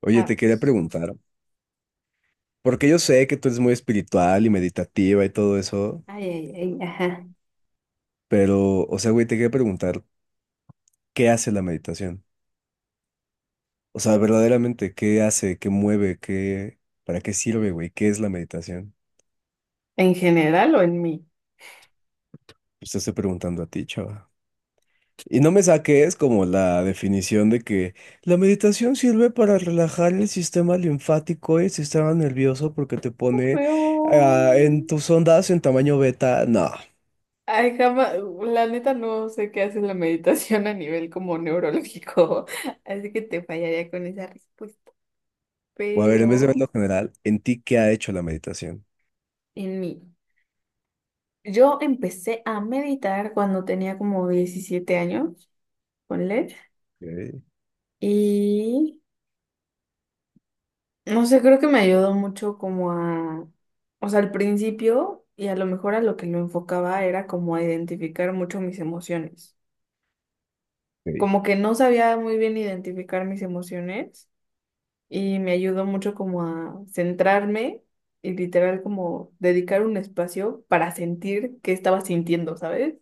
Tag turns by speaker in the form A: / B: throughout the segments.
A: Oye,
B: A
A: te
B: ver.
A: quería preguntar, porque yo sé que tú eres muy espiritual y meditativa y todo eso,
B: Ay, ay, ay, ajá.
A: pero, o sea, güey, te quería preguntar, ¿qué hace la meditación? O sea, verdaderamente, ¿qué hace? ¿Qué mueve? ¿Qué, para qué sirve, güey? ¿Qué es la meditación?
B: ¿En general o en mí?
A: Pues te estoy preguntando a ti, chava. Y no me saques como la definición de que la meditación sirve para relajar el sistema linfático y el sistema nervioso porque te pone en
B: Veo.
A: tus ondas en tamaño beta. No.
B: Ay, jamás. La neta no sé qué hace la meditación a nivel como neurológico. Así que te fallaría con esa respuesta.
A: O a ver, en vez de
B: Pero
A: verlo general, ¿en ti qué ha hecho la meditación?
B: en mí. Yo empecé a meditar cuando tenía como 17 años, ponle.
A: Ok,
B: Y no sé, creo que me ayudó mucho como a. O sea, al principio. Y a lo mejor a lo que lo enfocaba era como a identificar mucho mis emociones.
A: ok.
B: Como que no sabía muy bien identificar mis emociones y me ayudó mucho como a centrarme y literal como dedicar un espacio para sentir qué estaba sintiendo, ¿sabes?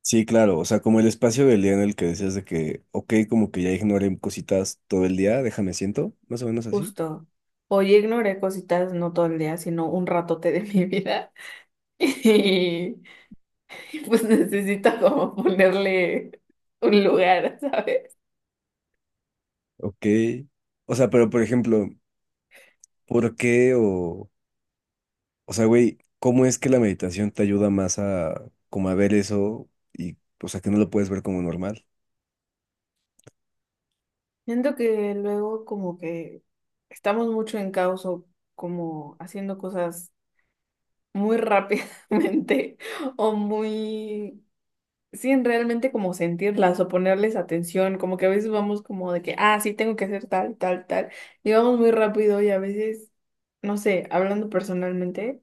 A: Sí, claro, o sea, como el espacio del día en el que decías de que, ok, como que ya ignoré cositas todo el día, déjame siento, más o menos así.
B: Justo. O yo ignoré cositas no todo el día, sino un ratote de mi vida y pues necesito como ponerle un lugar, ¿sabes?
A: Ok. O sea, pero por ejemplo, ¿por qué o sea, güey, cómo es que la meditación te ayuda más a, como a ver eso y, o sea, que no lo puedes ver como normal?
B: Siento que luego como que estamos mucho en caos o como haciendo cosas muy rápidamente o muy sin realmente como sentirlas o ponerles atención, como que a veces vamos como de que, ah, sí, tengo que hacer tal, tal, tal, y vamos muy rápido y a veces, no sé, hablando personalmente.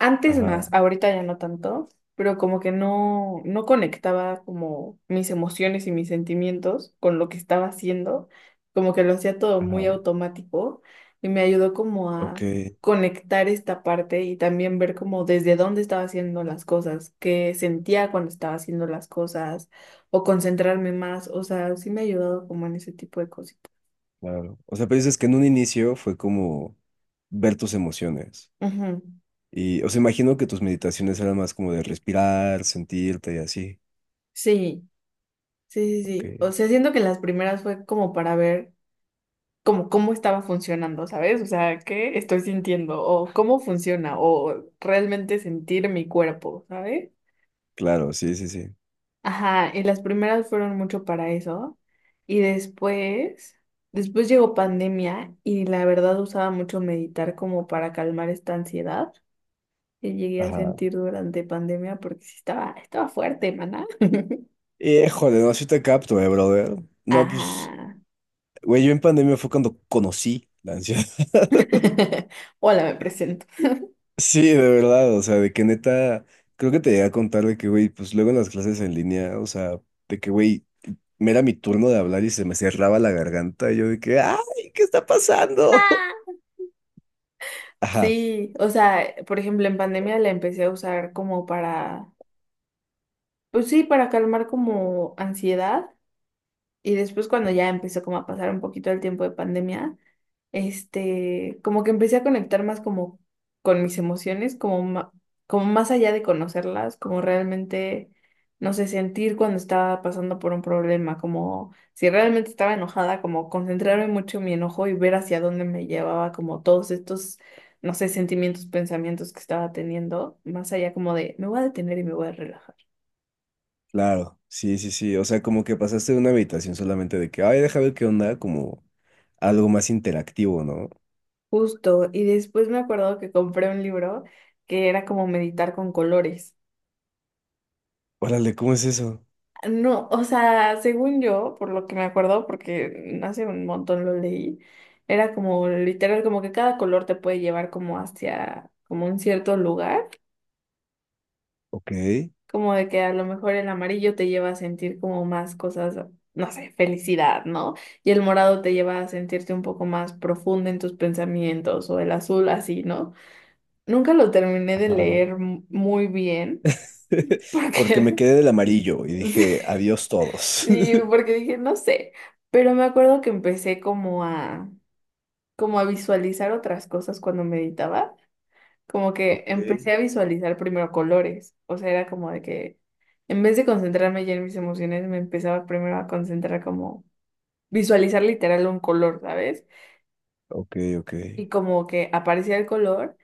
B: Antes
A: Ajá,
B: más, ahorita ya no tanto, pero como que no conectaba como mis emociones y mis sentimientos con lo que estaba haciendo, como que lo hacía todo muy
A: ajá.
B: automático y me ayudó como
A: Ok,
B: a conectar esta parte y también ver como desde dónde estaba haciendo las cosas, qué sentía cuando estaba haciendo las cosas o concentrarme más, o sea, sí me ha ayudado como en ese tipo de cositas.
A: claro. O sea, pero dices que en un inicio fue como ver tus emociones.
B: Ujú.
A: Y, o sea, imagino que tus meditaciones eran más como de respirar, sentirte y así.
B: Sí, sí, sí,
A: Ok.
B: sí. O sea, siento que las primeras fue como para ver. Como cómo estaba funcionando, ¿sabes? O sea, ¿qué estoy sintiendo? O cómo funciona, o realmente sentir mi cuerpo, ¿sabes?
A: Claro, sí, sí, sí.
B: Ajá, y las primeras fueron mucho para eso. Y después, después llegó pandemia y la verdad usaba mucho meditar como para calmar esta ansiedad que llegué a
A: Ajá.
B: sentir durante pandemia porque sí estaba fuerte, maná.
A: Híjole, no, sí te capto, brother. No, pues,
B: Ajá.
A: güey, yo en pandemia fue cuando conocí la ansiedad.
B: Hola, me presento.
A: Sí, de verdad, o sea, de que neta, creo que te llegué a contar de que, güey, pues luego en las clases en línea, o sea, de que, güey, me era mi turno de hablar y se me cerraba la garganta y yo de que, ay, ¿qué está pasando? Ajá,
B: Sí, o sea, por ejemplo, en pandemia la empecé a usar como para, pues sí, para calmar como ansiedad. Y después cuando ya empezó como a pasar un poquito el tiempo de pandemia, como que empecé a conectar más como con mis emociones, como, como más allá de conocerlas, como realmente, no sé, sentir cuando estaba pasando por un problema, como si realmente estaba enojada, como concentrarme mucho en mi enojo y ver hacia dónde me llevaba como todos estos, no sé, sentimientos, pensamientos que estaba teniendo, más allá como de, me voy a detener y me voy a relajar.
A: claro, sí, sí, sí. O sea, como que pasaste de una habitación solamente de que, ay, deja ver qué onda, como algo más interactivo, ¿no?
B: Justo, y después me acuerdo que compré un libro que era como meditar con colores.
A: Órale, ¿cómo es eso?
B: No, o sea, según yo, por lo que me acuerdo, porque hace un montón lo leí, era como literal, como que cada color te puede llevar como hacia, como un cierto lugar,
A: Ok.
B: como de que a lo mejor el amarillo te lleva a sentir como más cosas, no sé, felicidad, ¿no? Y el morado te lleva a sentirte un poco más profundo en tus pensamientos, o el azul así, ¿no? Nunca lo terminé de
A: Ajá.
B: leer muy bien.
A: Porque me
B: Porque,
A: quedé del amarillo y
B: sí,
A: dije, adiós todos.
B: sí, porque dije, no sé, pero me acuerdo que empecé como a, como a visualizar otras cosas cuando meditaba, como que
A: Ok,
B: empecé a visualizar primero colores, o sea, era como de que en vez de concentrarme ya en mis emociones, me empezaba primero a concentrar como visualizar literal un color, ¿sabes?
A: ok, ok.
B: Y como que aparecía el color.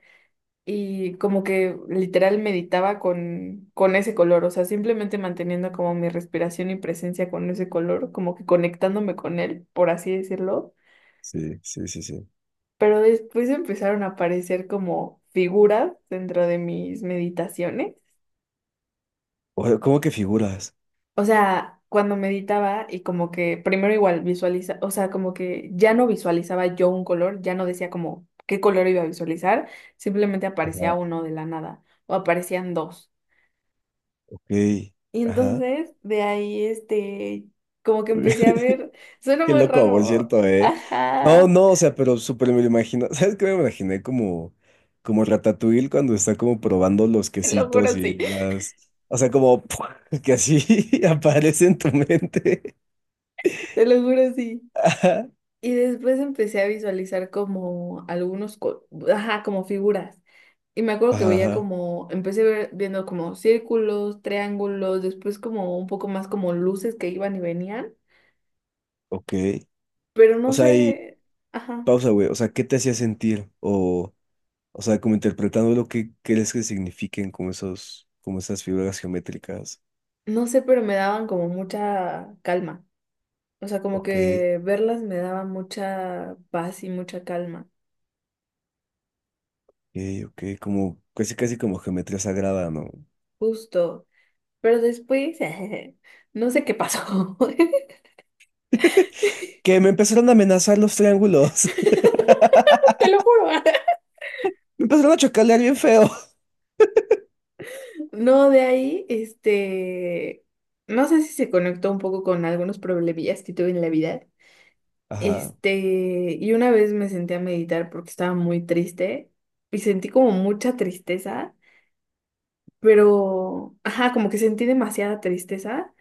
B: Y como que literal meditaba con ese color, o sea, simplemente manteniendo como mi respiración y presencia con ese color, como que conectándome con él, por así decirlo.
A: Sí, sí, sí, sí.
B: Pero después empezaron a aparecer como figuras dentro de mis meditaciones.
A: O- ¿Cómo que figuras?
B: O sea, cuando meditaba y como que primero igual visualiza, o sea, como que ya no visualizaba yo un color, ya no decía como qué color iba a visualizar, simplemente aparecía
A: Ajá,
B: uno de la nada o aparecían dos.
A: ok.
B: Y
A: Ajá.
B: entonces de ahí, como que empecé a ver, suena
A: Qué
B: muy
A: loco, por
B: raro,
A: cierto, ¿eh? No,
B: ajá,
A: no, o sea, pero súper me lo imagino. ¿Sabes qué me imaginé? Como, como Ratatouille cuando está como probando los
B: te lo
A: quesitos
B: juro
A: y
B: sí,
A: las... O sea, como que así aparece en tu mente.
B: te lo juro sí.
A: Ajá,
B: Y después empecé a visualizar como algunos, ajá, como figuras. Y me acuerdo que veía
A: ajá,
B: como, empecé viendo como círculos, triángulos, después como un poco más como luces que iban y venían,
A: ok.
B: pero
A: O
B: no
A: sea, y
B: sé, ajá,
A: pausa, güey. O sea, ¿qué te hacía sentir? O sea, como interpretando lo que crees que signifiquen como esos, como esas figuras geométricas.
B: no sé, pero me daban como mucha calma. O sea, como
A: Ok,
B: que verlas me daba mucha paz y mucha calma,
A: ok, ok. Como, casi, casi como geometría sagrada, ¿no?
B: justo. Pero después, no sé qué pasó.
A: Que me empezaron a amenazar los triángulos.
B: Te lo juro.
A: Me empezaron a chocalear bien feo.
B: No, de ahí, no sé si se conectó un poco con algunos problemillas que tuve en la vida.
A: Ajá,
B: Este, y una vez me senté a meditar porque estaba muy triste y sentí como mucha tristeza, pero, ajá, como que sentí demasiada tristeza.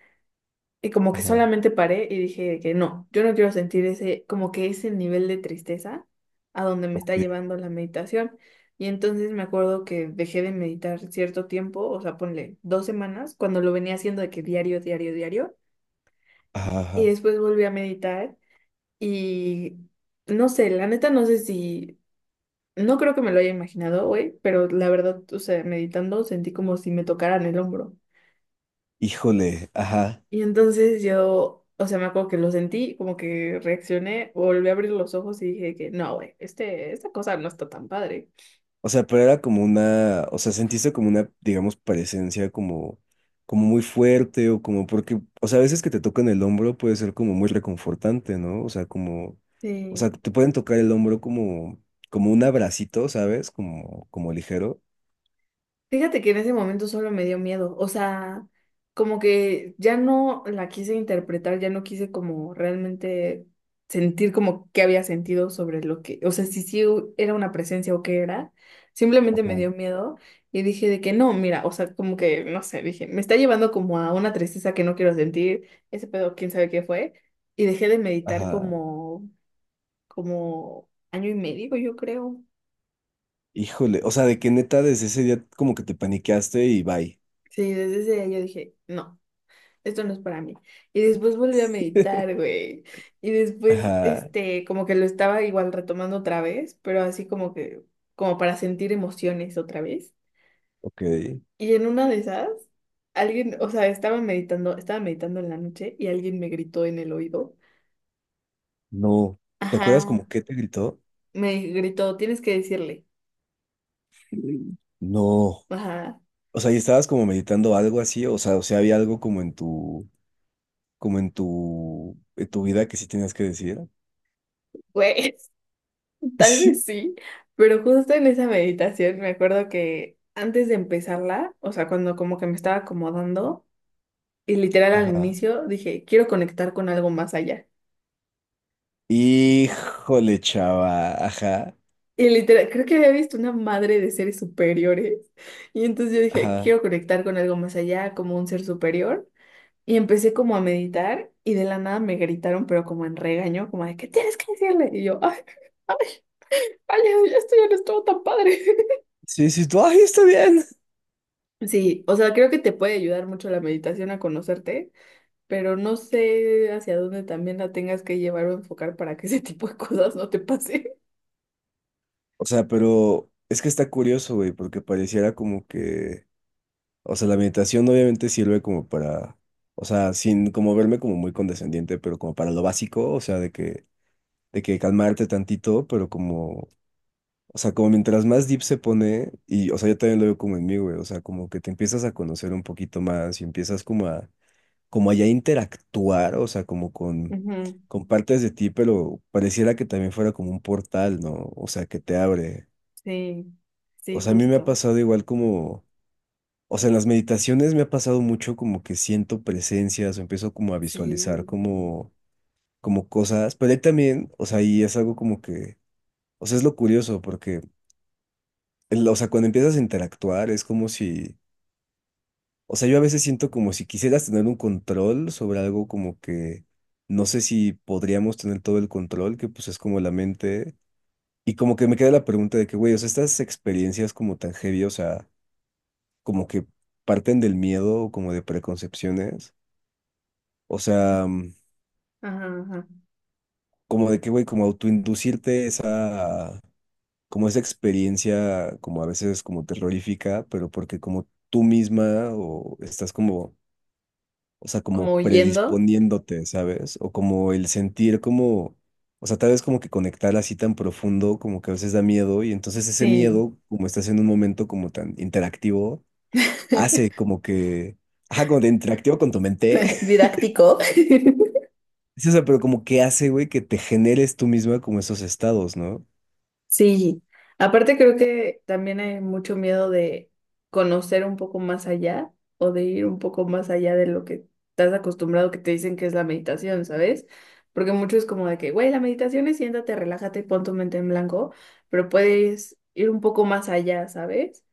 B: Y como que
A: ajá,
B: solamente paré y dije que no, yo no quiero sentir ese, como que ese nivel de tristeza a donde me está
A: ok,
B: llevando la meditación. Y entonces me acuerdo que dejé de meditar cierto tiempo, o sea, ponle 2 semanas, cuando lo venía haciendo de que diario, diario, diario.
A: ajá,
B: Y
A: ajá.
B: después volví a meditar y no sé, la neta no sé si, no creo que me lo haya imaginado hoy, pero la verdad, o sea, meditando sentí como si me tocaran el hombro.
A: Híjole, ajá.
B: Y entonces yo, o sea, me acuerdo que lo sentí, como que reaccioné, volví a abrir los ojos y dije que no, güey, esta cosa no está tan padre.
A: O sea, pero era como una, o sea, sentiste como una, digamos, presencia como, como muy fuerte o como porque, o sea, a veces que te tocan el hombro puede ser como muy reconfortante, ¿no? O sea, como, o
B: Sí.
A: sea, te pueden tocar el hombro como, como un abracito, ¿sabes? Como, como ligero.
B: Fíjate que en ese momento solo me dio miedo, o sea, como que ya no la quise interpretar, ya no quise como realmente sentir como qué había sentido sobre lo que, o sea, si era una presencia o qué era, simplemente me
A: Ajá.
B: dio miedo y dije de que no, mira, o sea, como que, no sé, dije, me está llevando como a una tristeza que no quiero sentir, ese pedo, quién sabe qué fue, y dejé de meditar
A: Ajá.
B: como, como año y medio, yo creo.
A: Híjole, o sea, de que neta desde ese día como que te paniqueaste y bye.
B: Sí, desde ese día yo dije, no. Esto no es para mí. Y después volví a meditar, güey. Y después,
A: Ajá,
B: como que lo estaba igual retomando otra vez, pero así como que, como para sentir emociones otra vez.
A: ok.
B: Y en una de esas, alguien, o sea, estaba meditando en la noche y alguien me gritó en el oído.
A: No. ¿Te acuerdas como
B: Ajá,
A: qué te gritó?
B: me gritó, tienes que decirle.
A: Mm. No.
B: Ajá,
A: O sea, y estabas como meditando algo así, o sea, había algo como en tu vida que sí tenías que decir.
B: güey, tal
A: Sí.
B: vez sí, pero justo en esa meditación me acuerdo que antes de empezarla, o sea, cuando como que me estaba acomodando, y literal al
A: Ajá.
B: inicio dije, quiero conectar con algo más allá.
A: Híjole, chava. Ajá.
B: Y literal, creo que había visto una madre de seres superiores. Y entonces yo dije,
A: Ajá.
B: quiero conectar con algo más allá, como un ser superior. Y empecé como a meditar y de la nada me gritaron, pero como en regaño, como de, ¿qué tienes que decirle? Y yo, ay, ay, ay, ya esto ya no estuvo tan padre.
A: Sí, sí, tú, ay, está bien.
B: Sí, o sea, creo que te puede ayudar mucho la meditación a conocerte, pero no sé hacia dónde también la tengas que llevar o enfocar para que ese tipo de cosas no te pase.
A: O sea, pero es que está curioso, güey, porque pareciera como que o sea, la meditación obviamente sirve como para, o sea, sin como verme como muy condescendiente, pero como para lo básico, o sea, de que calmarte tantito, pero como, o sea, como mientras más deep se pone, y, o sea, yo también lo veo como en mí, güey, o sea, como que te empiezas a conocer un poquito más y empiezas como a, como a ya interactuar, o sea, como
B: Ujú.
A: con partes de ti, pero pareciera que también fuera como un portal, ¿no? O sea, que te abre.
B: Sí, sí,
A: O sea, a mí me ha
B: justo.
A: pasado igual como o sea, en las meditaciones me ha pasado mucho como que siento presencias o empiezo como a visualizar
B: Sí.
A: como, como cosas, pero ahí también, o sea, ahí es algo como que, o sea, es lo curioso porque, el- o sea, cuando empiezas a interactuar es como si, o sea, yo a veces siento como si quisieras tener un control sobre algo como que, no sé si podríamos tener todo el control, que pues es como la mente, y como que me queda la pregunta de que, güey, o sea, estas experiencias como tan heavy, o sea, como que parten del miedo o como de preconcepciones. O sea, mm,
B: Ajá, ajá.
A: como de que, güey, como autoinducirte esa, como esa experiencia, como a veces como terrorífica, pero porque como tú misma o estás como, o sea, como
B: Como huyendo.
A: predisponiéndote, ¿sabes? O como el sentir como, o sea, tal vez como que conectar así tan profundo, como que a veces da miedo y entonces ese
B: Sí.
A: miedo, como estás en un momento como tan interactivo, hace como que, ajá, como de interactivo con tu mente.
B: Didáctico.
A: Sí, o pero como que hace, güey, que te generes tú misma como esos estados, ¿no?
B: Sí. Aparte creo que también hay mucho miedo de conocer un poco más allá o de ir un poco más allá de lo que estás acostumbrado que te dicen que es la meditación, ¿sabes? Porque mucho es como de que, güey, la meditación es siéntate, relájate, pon tu mente en blanco, pero puedes ir un poco más allá, ¿sabes?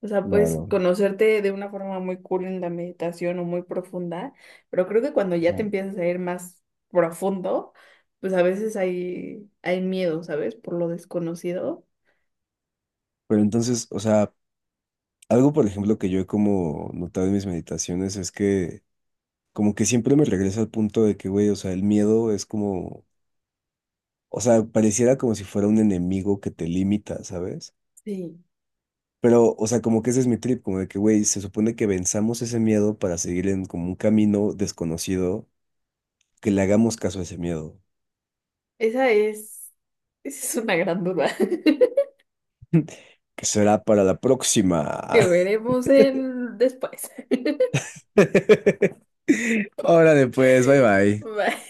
B: O sea, puedes
A: Claro.
B: conocerte de una forma muy cool en la meditación o muy profunda, pero creo que cuando ya te
A: No.
B: empiezas a ir más profundo, pues a veces hay miedo, ¿sabes? Por lo desconocido.
A: Pero entonces, o sea, algo por ejemplo que yo he como notado en mis meditaciones es que como que siempre me regresa al punto de que, güey, o sea, el miedo es como, o sea, pareciera como si fuera un enemigo que te limita, ¿sabes?
B: Sí,
A: Pero, o sea, como que ese es mi trip, como de que, güey, se supone que venzamos ese miedo para seguir en como un camino desconocido, que le hagamos caso a ese miedo,
B: esa es, esa es una gran duda
A: que será para la próxima.
B: que veremos en después.
A: Órale, pues, bye bye.
B: Bye.